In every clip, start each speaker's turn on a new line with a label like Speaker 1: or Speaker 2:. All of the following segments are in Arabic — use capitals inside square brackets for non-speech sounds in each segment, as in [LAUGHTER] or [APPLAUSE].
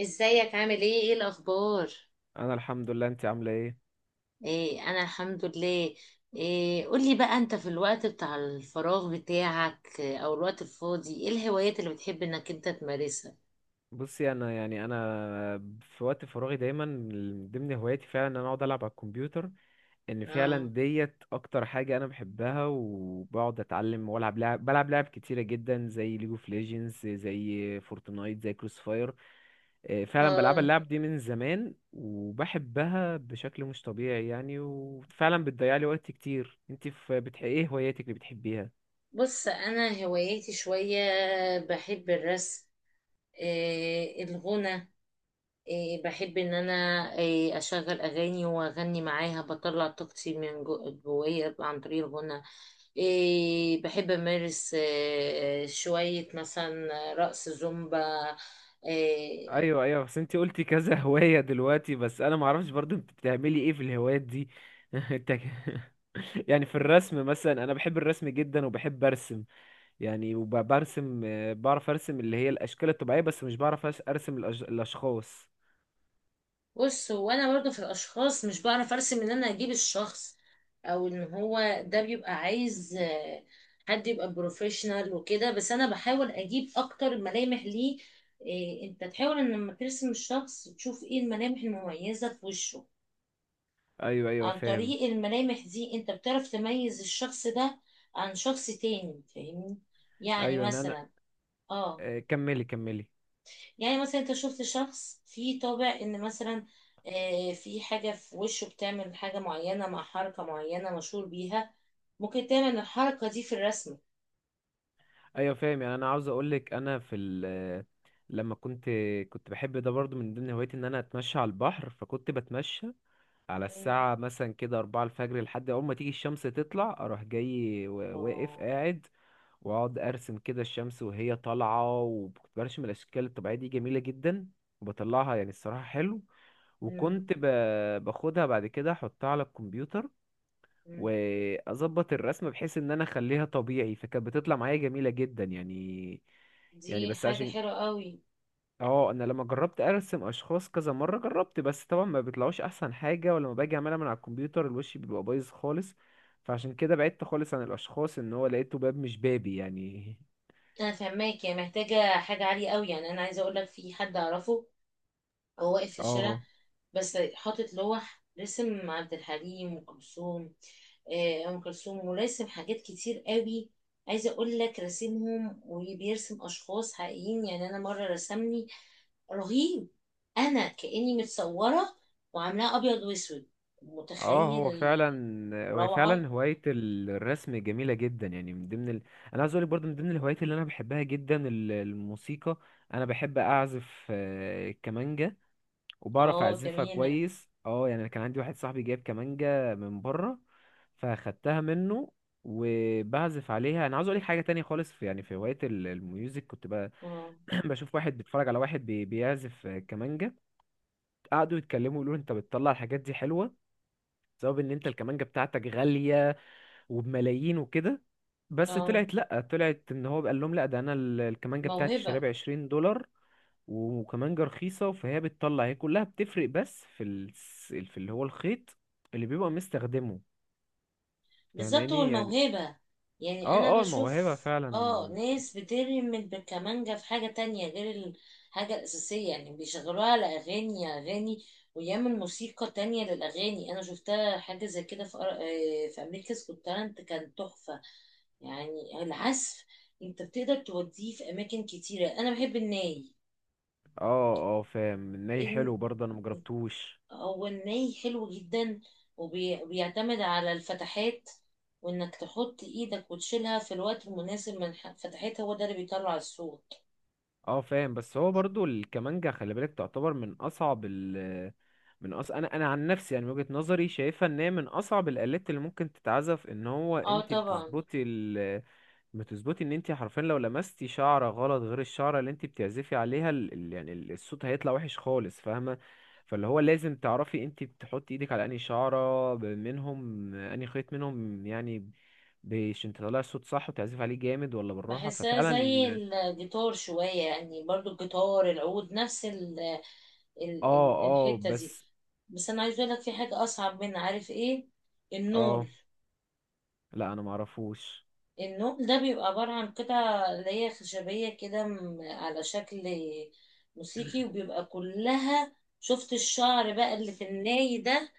Speaker 1: ازيك؟ عامل ايه الاخبار؟
Speaker 2: انا الحمد لله، انت عامله ايه؟
Speaker 1: ايه انا الحمد لله. إيه، قولي بقى انت في الوقت بتاع الفراغ بتاعك، او الوقت الفاضي، ايه الهوايات اللي بتحب انك انت تمارسها؟
Speaker 2: بصي، يعني انا في وقت فراغي دايما من ضمن هواياتي فعلا ان انا اقعد العب على الكمبيوتر. ان فعلا
Speaker 1: اه،
Speaker 2: ديت اكتر حاجه انا بحبها، وبقعد اتعلم والعب بلعب لعب كتيره جدا، زي ليج اوف ليجندز، زي فورتنايت، زي كروس فاير. فعلا بلعب
Speaker 1: اه،
Speaker 2: اللعب دي من زمان وبحبها بشكل مش طبيعي يعني، وفعلا بتضيع لي وقت كتير. ايه هواياتك اللي بتحبيها؟
Speaker 1: بص انا هواياتي شوية. بحب الرسم، إيه الغنى، إيه بحب ان انا، إيه اشغل اغاني واغني معاها، بطلع طاقتي من جوايا عن طريق الغنى. إيه بحب أمارس إيه شوية مثلا رقص زومبا. إيه.
Speaker 2: ايوه ايوه، بس انت قلتي كذا [LAUGHS] هوايه دلوقتي، بس انا ما اعرفش برضو انت بتعملي ايه في الهوايات دي. [LAUGHS] انت ك- [LAUGHS] يعني في الرسم مثلا، انا بحب الرسم جدا وبحب ارسم يعني وبرسم. بعرف ارسم اللي هي الاشكال الطبيعيه، بس مش بعرف ارسم الاشخاص.
Speaker 1: بص هو أنا برضو في الأشخاص مش بعرف أرسم إن أنا أجيب الشخص، أو إن هو ده بيبقى عايز حد يبقى بروفيشنال وكده، بس أنا بحاول أجيب أكتر ملامح ليه. إيه، أنت تحاول إن لما ترسم الشخص تشوف إيه الملامح المميزة في وشه.
Speaker 2: ايوه ايوه
Speaker 1: عن
Speaker 2: فاهم.
Speaker 1: طريق الملامح دي انت بتعرف تميز الشخص ده عن شخص تاني، فاهمني يعني؟
Speaker 2: ايوه يعني انا،
Speaker 1: مثلا، اه،
Speaker 2: كملي كملي.
Speaker 1: يعني مثلا انت شفت شخص فيه طابع ان مثلا في حاجة في وشه بتعمل حاجة معينة مع حركة معينة مشهور بيها، ممكن تعمل الحركة دي في الرسمة.
Speaker 2: ايوه فاهم، يعني انا عاوز اقولك لما كنت بحب ده برضو من ضمن هوايتي ان انا اتمشى على البحر. فكنت بتمشى على
Speaker 1: مم.
Speaker 2: الساعة مثلا كده 4 الفجر لحد أول ما تيجي الشمس تطلع، أروح جاي واقف
Speaker 1: الله.
Speaker 2: قاعد وأقعد أرسم كده الشمس وهي طالعة. وكنت برسم الأشكال الطبيعية دي جميلة جدا وبطلعها، يعني الصراحة حلو.
Speaker 1: مم.
Speaker 2: وكنت باخدها بعد كده أحطها على الكمبيوتر،
Speaker 1: مم.
Speaker 2: وأظبط الرسمة بحيث إن أنا أخليها طبيعي، فكانت بتطلع معايا جميلة جدا يعني. يعني
Speaker 1: دي
Speaker 2: بس
Speaker 1: حاجة
Speaker 2: عشان،
Speaker 1: حلوة قوي.
Speaker 2: اه انا لما جربت ارسم اشخاص كذا مره جربت، بس طبعا ما بيطلعوش احسن حاجه. ولما باجي اعملها من على الكمبيوتر الوش بيبقى بايظ خالص، فعشان كده بعدت خالص عن الاشخاص، ان هو لقيته باب مش بابي يعني.
Speaker 1: انا فهماك، يعني محتاجة حاجة عالية قوي. يعني انا عايزة اقول لك في حد اعرفه، هو واقف في الشارع
Speaker 2: اه
Speaker 1: بس حاطط لوح، رسم عبد الحليم وأم كلثوم، أم كلثوم، وراسم حاجات كتير قوي. عايزة أقول لك راسمهم وبيرسم أشخاص حقيقيين. يعني أنا مرة رسمني رهيب، أنا كأني متصورة، وعاملاها أبيض وأسود،
Speaker 2: اه،
Speaker 1: متخيل؟
Speaker 2: هو فعلا هو
Speaker 1: الروعة.
Speaker 2: فعلا هوايه الرسم جميله جدا، يعني انا عايز اقولك برضو من ضمن الهوايات اللي انا بحبها جدا الموسيقى. انا بحب اعزف كمانجا وبعرف
Speaker 1: اه
Speaker 2: اعزفها
Speaker 1: جميلة.
Speaker 2: كويس. اه يعني، كان عندي واحد صاحبي جايب كمانجة من بره، فاخدتها منه وبعزف عليها. انا عاوز اقول لك حاجه تانية خالص، يعني في هوايه الميوزك،
Speaker 1: اه،
Speaker 2: [CLEARS THROAT] بشوف واحد بيتفرج على واحد بيعزف كمانجه. قعدوا يتكلموا يقولوا انت بتطلع الحاجات دي حلوه بسبب ان انت الكمانجه بتاعتك غاليه وبملايين وكده. بس
Speaker 1: اه،
Speaker 2: طلعت، لا، طلعت ان هو قال لهم لا، ده انا الكمانجه بتاعتي اشتريها
Speaker 1: موهبة.
Speaker 2: ب 20 دولار وكمانجة رخيصة، فهي بتطلع. هي كلها بتفرق بس في اللي هو الخيط اللي بيبقى مستخدمه،
Speaker 1: بالظبط، هو
Speaker 2: فاهماني يعني.
Speaker 1: الموهبة. يعني انا
Speaker 2: اه اه الموهبة
Speaker 1: بشوف
Speaker 2: فعلا.
Speaker 1: اه ناس بترمي بالكمانجة في حاجة تانية غير الحاجة الأساسية، يعني بيشغلوها على أغاني، أغاني ويعمل موسيقى تانية للأغاني. أنا شفتها حاجة زي كده في في أمريكا's Got Talent، كان تحفة. يعني العزف أنت بتقدر توديه في أماكن كتيرة. أنا بحب الناي،
Speaker 2: اه اه فاهم، ناي حلو برضه انا مجربتوش.
Speaker 1: هو الني حلو جدا، وبيعتمد على الفتحات، وانك تحط ايدك وتشيلها في الوقت المناسب من فتحتها، هو ده اللي بيطلع الصوت.
Speaker 2: اه فاهم، بس هو برضه الكمانجة خلي بالك تعتبر من اصعب انا عن نفسي يعني، من وجهة نظري شايفها ان هي من اصعب الالات اللي ممكن تتعزف. ان هو
Speaker 1: اه
Speaker 2: انت
Speaker 1: طبعا.
Speaker 2: بتظبطي ان انت حرفيا لو لمستي شعره غلط غير الشعره اللي انت بتعزفي عليها، يعني الصوت هيطلع وحش خالص فاهمه. فاللي هو لازم تعرفي انت بتحطي ايدك على انهي شعره منهم، انهي خيط منهم يعني، عشان تطلعي الصوت صح وتعزفي عليه جامد ولا بالراحه
Speaker 1: بحسها زي
Speaker 2: ففعلا.
Speaker 1: الجيتار شوية، يعني برضو الجيتار، العود، نفس ال ال
Speaker 2: اه
Speaker 1: ال
Speaker 2: اه،
Speaker 1: الحتة دي.
Speaker 2: بس
Speaker 1: بس انا عايز اقولك في حاجة اصعب منها، عارف ايه؟
Speaker 2: اه
Speaker 1: النول.
Speaker 2: لا انا معرفوش.
Speaker 1: النوم ده بيبقى عبارة عن قطع اللي هي خشبية كده، على شكل موسيقي،
Speaker 2: [CLEARS THROAT]
Speaker 1: وبيبقى كلها، شفت الشعر بقى اللي في الناي ده،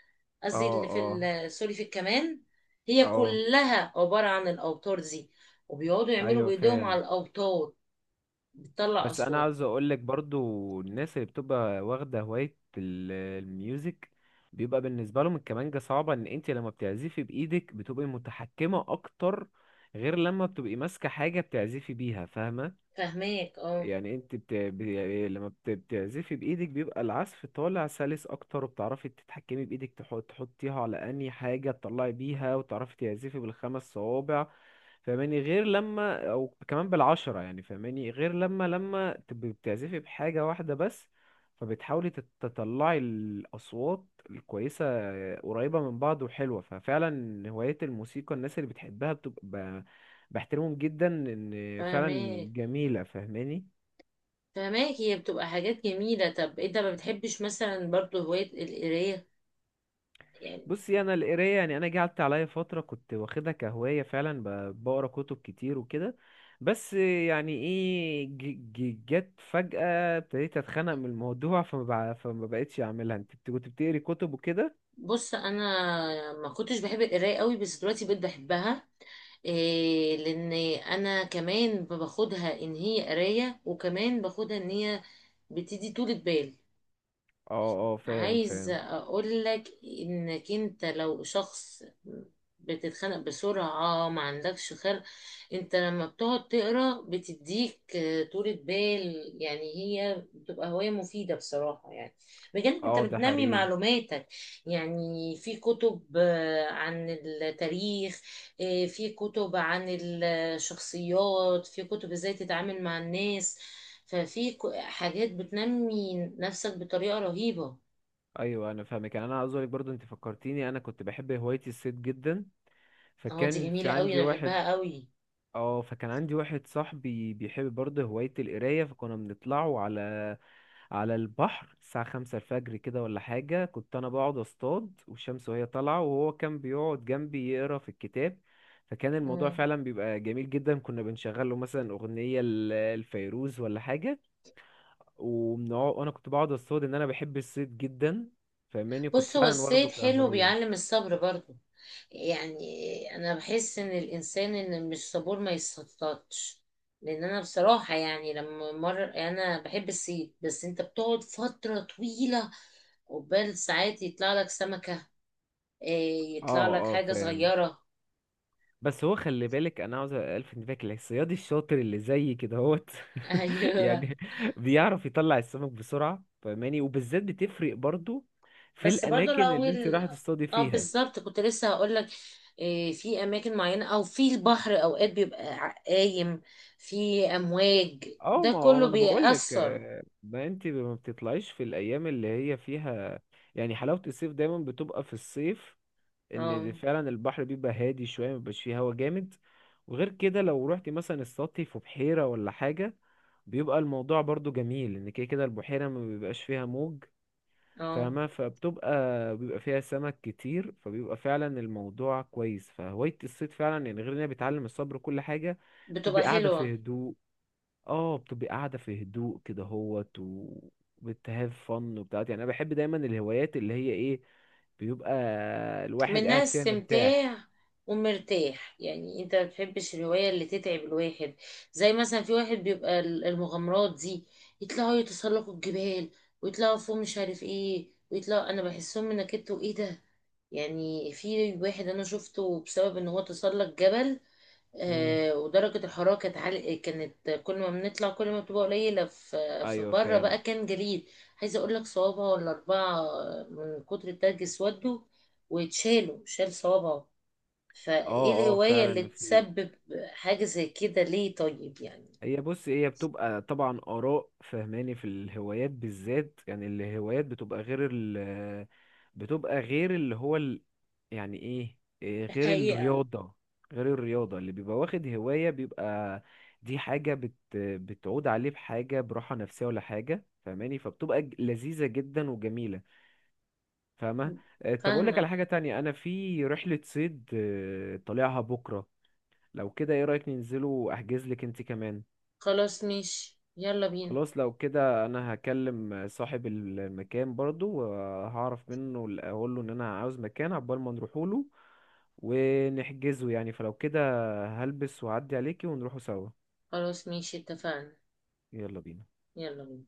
Speaker 2: اه
Speaker 1: قصدي اللي في
Speaker 2: اه
Speaker 1: سوري، في الكمان، هي
Speaker 2: اه
Speaker 1: كلها عبارة عن الأوتار دي، وبيقعدوا يعملوا
Speaker 2: ايوه
Speaker 1: بإيديهم على
Speaker 2: فاهم،
Speaker 1: الأوتار، بتطلع
Speaker 2: بس انا
Speaker 1: أصوات.
Speaker 2: عاوز اقول لك برضو الناس اللي بتبقى واخده هوايه الميوزك بيبقى بالنسبه لهم الكمانجه صعبه. ان انت لما بتعزفي بايدك بتبقي متحكمه اكتر، غير لما بتبقي ماسكه حاجه بتعزفي بيها، فاهمه؟
Speaker 1: فهماك اه.
Speaker 2: يعني يعني لما بتعزفي بايدك بيبقى العزف طالع سلس اكتر، وبتعرفي تتحكمي بايدك تحطيها على اني حاجه تطلعي بيها، وتعرفي تعزفي بالخمس صوابع فاهماني، غير لما او كمان بالعشرة يعني فاهماني، غير لما تبقي بتعزفي بحاجه واحده بس، فبتحاولي تطلعي الاصوات الكويسه قريبه من بعض وحلوه. ففعلا هوايه الموسيقى الناس اللي بتحبها بتبقى بحترمهم جدا، ان فعلا
Speaker 1: فهماك،
Speaker 2: جميله فاهماني.
Speaker 1: فهماك، هي بتبقى حاجات جميلة. طب انت ما بتحبش مثلا برضو هواية القراية يعني؟
Speaker 2: بصي انا القرايه يعني، انا جه قعدت عليا فتره كنت واخدها كهوايه فعلا بقرا كتب كتير وكده، بس يعني ايه جت فجاه ابتديت اتخنق من الموضوع، فما بقتش اعملها. كنت بتقري كتب وكده؟
Speaker 1: بص انا ما كنتش بحب القرايه قوي بس دلوقتي بقيت بحبها. إيه؟ لان انا كمان باخدها ان هي قرايه، وكمان باخدها ان هي بتدي طولة بال.
Speaker 2: اه اه فاهم
Speaker 1: عايز
Speaker 2: فاهم.
Speaker 1: اقول لك، انك انت لو شخص بتتخانق بسرعة، ما عندكش خلق، انت لما بتقعد تقرا بتديك طولة بال. يعني هي بتبقى هواية مفيدة بصراحة، يعني بجانب انت
Speaker 2: اه ده
Speaker 1: بتنمي
Speaker 2: حقيقي.
Speaker 1: معلوماتك. يعني في كتب عن التاريخ، في كتب عن الشخصيات، في كتب ازاي تتعامل مع الناس، ففي حاجات بتنمي نفسك بطريقة رهيبة.
Speaker 2: ايوه انا فاهمك، يعني انا عاوز اقولك برضو انت فكرتيني انا كنت بحب هوايه الصيد جدا،
Speaker 1: اه دي
Speaker 2: فكان في
Speaker 1: جميلة قوي،
Speaker 2: عندي
Speaker 1: انا
Speaker 2: واحد.
Speaker 1: بحبها قوي.
Speaker 2: اه، فكان عندي واحد صاحبي بيحب برضه هوايه القرايه، فكنا بنطلعوا على البحر الساعة 5 الفجر كده ولا حاجة. كنت أنا بقعد أصطاد والشمس وهي طالعة، وهو كان بيقعد جنبي يقرا في الكتاب. فكان الموضوع
Speaker 1: مم.
Speaker 2: فعلا بيبقى جميل جدا، كنا بنشغل له مثلا أغنية لفيروز ولا حاجة، وبنقعد، وأنا كنت بقعد أصطاد. إن أنا بحب الصيد جدا فاهماني، كنت
Speaker 1: بص هو
Speaker 2: فعلا واخده
Speaker 1: الصيد حلو،
Speaker 2: كهواية.
Speaker 1: بيعلم الصبر برضو. يعني انا بحس ان الانسان ان مش صبور ما يصطادش. لان انا بصراحة يعني لما مر، انا بحب الصيد بس انت بتقعد فترة طويلة، قبال ساعات يطلع لك سمكة، إيه، يطلع
Speaker 2: اه
Speaker 1: لك
Speaker 2: اه
Speaker 1: حاجة
Speaker 2: فاهم،
Speaker 1: صغيرة.
Speaker 2: بس هو خلي بالك انا عاوز الفت انتباهك، الصياد الشاطر اللي زي كده هوت
Speaker 1: [LAUGHS]
Speaker 2: [LAUGHS]
Speaker 1: ايوه.
Speaker 2: يعني بيعرف يطلع السمك بسرعه فاهماني، وبالذات بتفرق برضو في
Speaker 1: بس برضو
Speaker 2: الاماكن اللي انت
Speaker 1: الاول،
Speaker 2: رايحه تصطادي
Speaker 1: اه
Speaker 2: فيها.
Speaker 1: بالظبط كنت لسه هقول لك، في اماكن معينه، او في البحر اوقات بيبقى قايم في امواج،
Speaker 2: اه
Speaker 1: ده
Speaker 2: ما هو ما
Speaker 1: كله
Speaker 2: انا بقول لك،
Speaker 1: بيأثر.
Speaker 2: ما انت ما بتطلعيش في الايام اللي هي فيها، يعني حلاوه الصيف دايما بتبقى في الصيف ان
Speaker 1: اه،
Speaker 2: ده فعلا البحر بيبقى هادي شويه، مبيبقاش فيه هوا جامد. وغير كده لو رحت مثلا السطح في بحيره ولا حاجه بيبقى الموضوع برضو جميل، ان كده كده البحيره ما بيبقاش فيها موج.
Speaker 1: اه،
Speaker 2: فبتبقى، بيبقى فيها سمك كتير، فبيبقى فعلا الموضوع كويس. فهوايه الصيد فعلا يعني غير انها بتعلم الصبر وكل حاجه،
Speaker 1: بتبقى
Speaker 2: بتبقى قاعده في
Speaker 1: حلوه،
Speaker 2: هدوء. اه بتبقي قاعدة في هدوء كده هوت وبتهاف فن وبتاعت، يعني انا بحب دايما الهوايات اللي هي ايه، بيبقى الواحد
Speaker 1: منها
Speaker 2: قاعد فيها مرتاح.
Speaker 1: استمتاع، ومرتاح. يعني انت ما بتحبش الهوايه اللي تتعب الواحد، زي مثلا في واحد بيبقى المغامرات دي، يطلعوا يتسلقوا الجبال، ويطلعوا فوق مش عارف ايه، ويطلعوا، انا بحسهم من كده، وايه ده يعني؟ في واحد انا شفته بسبب ان هو تسلق جبل،
Speaker 2: مم.
Speaker 1: ودرجة الحرارة كانت عالية، كانت كل ما بنطلع كل ما بتبقى قليلة، في
Speaker 2: ايوه
Speaker 1: بره بقى
Speaker 2: فاهم.
Speaker 1: كان جليد. عايزة اقول لك، صوابعه ولا اربعة من كتر التلج اسودوا، واتشالوا، شال صوابعه. فايه
Speaker 2: اه اه
Speaker 1: الهواية اللي
Speaker 2: فعلا في.
Speaker 1: تسبب حاجة زي كده ليه، طيب يعني؟
Speaker 2: بص هي بتبقى طبعا آراء فهماني في الهوايات بالذات، يعني الهوايات بتبقى غير بتبقى غير اللي هو يعني ايه إيه، غير
Speaker 1: حقيقة.
Speaker 2: الرياضة. غير الرياضة اللي بيبقى واخد هواية بيبقى دي حاجة بتعود عليه بحاجة براحة نفسية ولا حاجة فهماني، فبتبقى لذيذة جدا وجميلة فاهمة. طب أقول لك على
Speaker 1: فاهمة.
Speaker 2: حاجة تانية، أنا في رحلة صيد طالعها بكرة، لو كده ايه رأيك ننزله وأحجز لك انت كمان؟
Speaker 1: خلاص، ماشي، يلا بينا.
Speaker 2: خلاص لو كده انا هكلم صاحب المكان برضو وهعرف منه، اقول له ان انا عاوز مكان عقبال ما نروحوا له ونحجزه يعني. فلو كده هلبس وأعدي عليكي ونروحوا سوا،
Speaker 1: خلاص، ماشي، اتفقنا.
Speaker 2: يلا بينا.
Speaker 1: يلا بينا.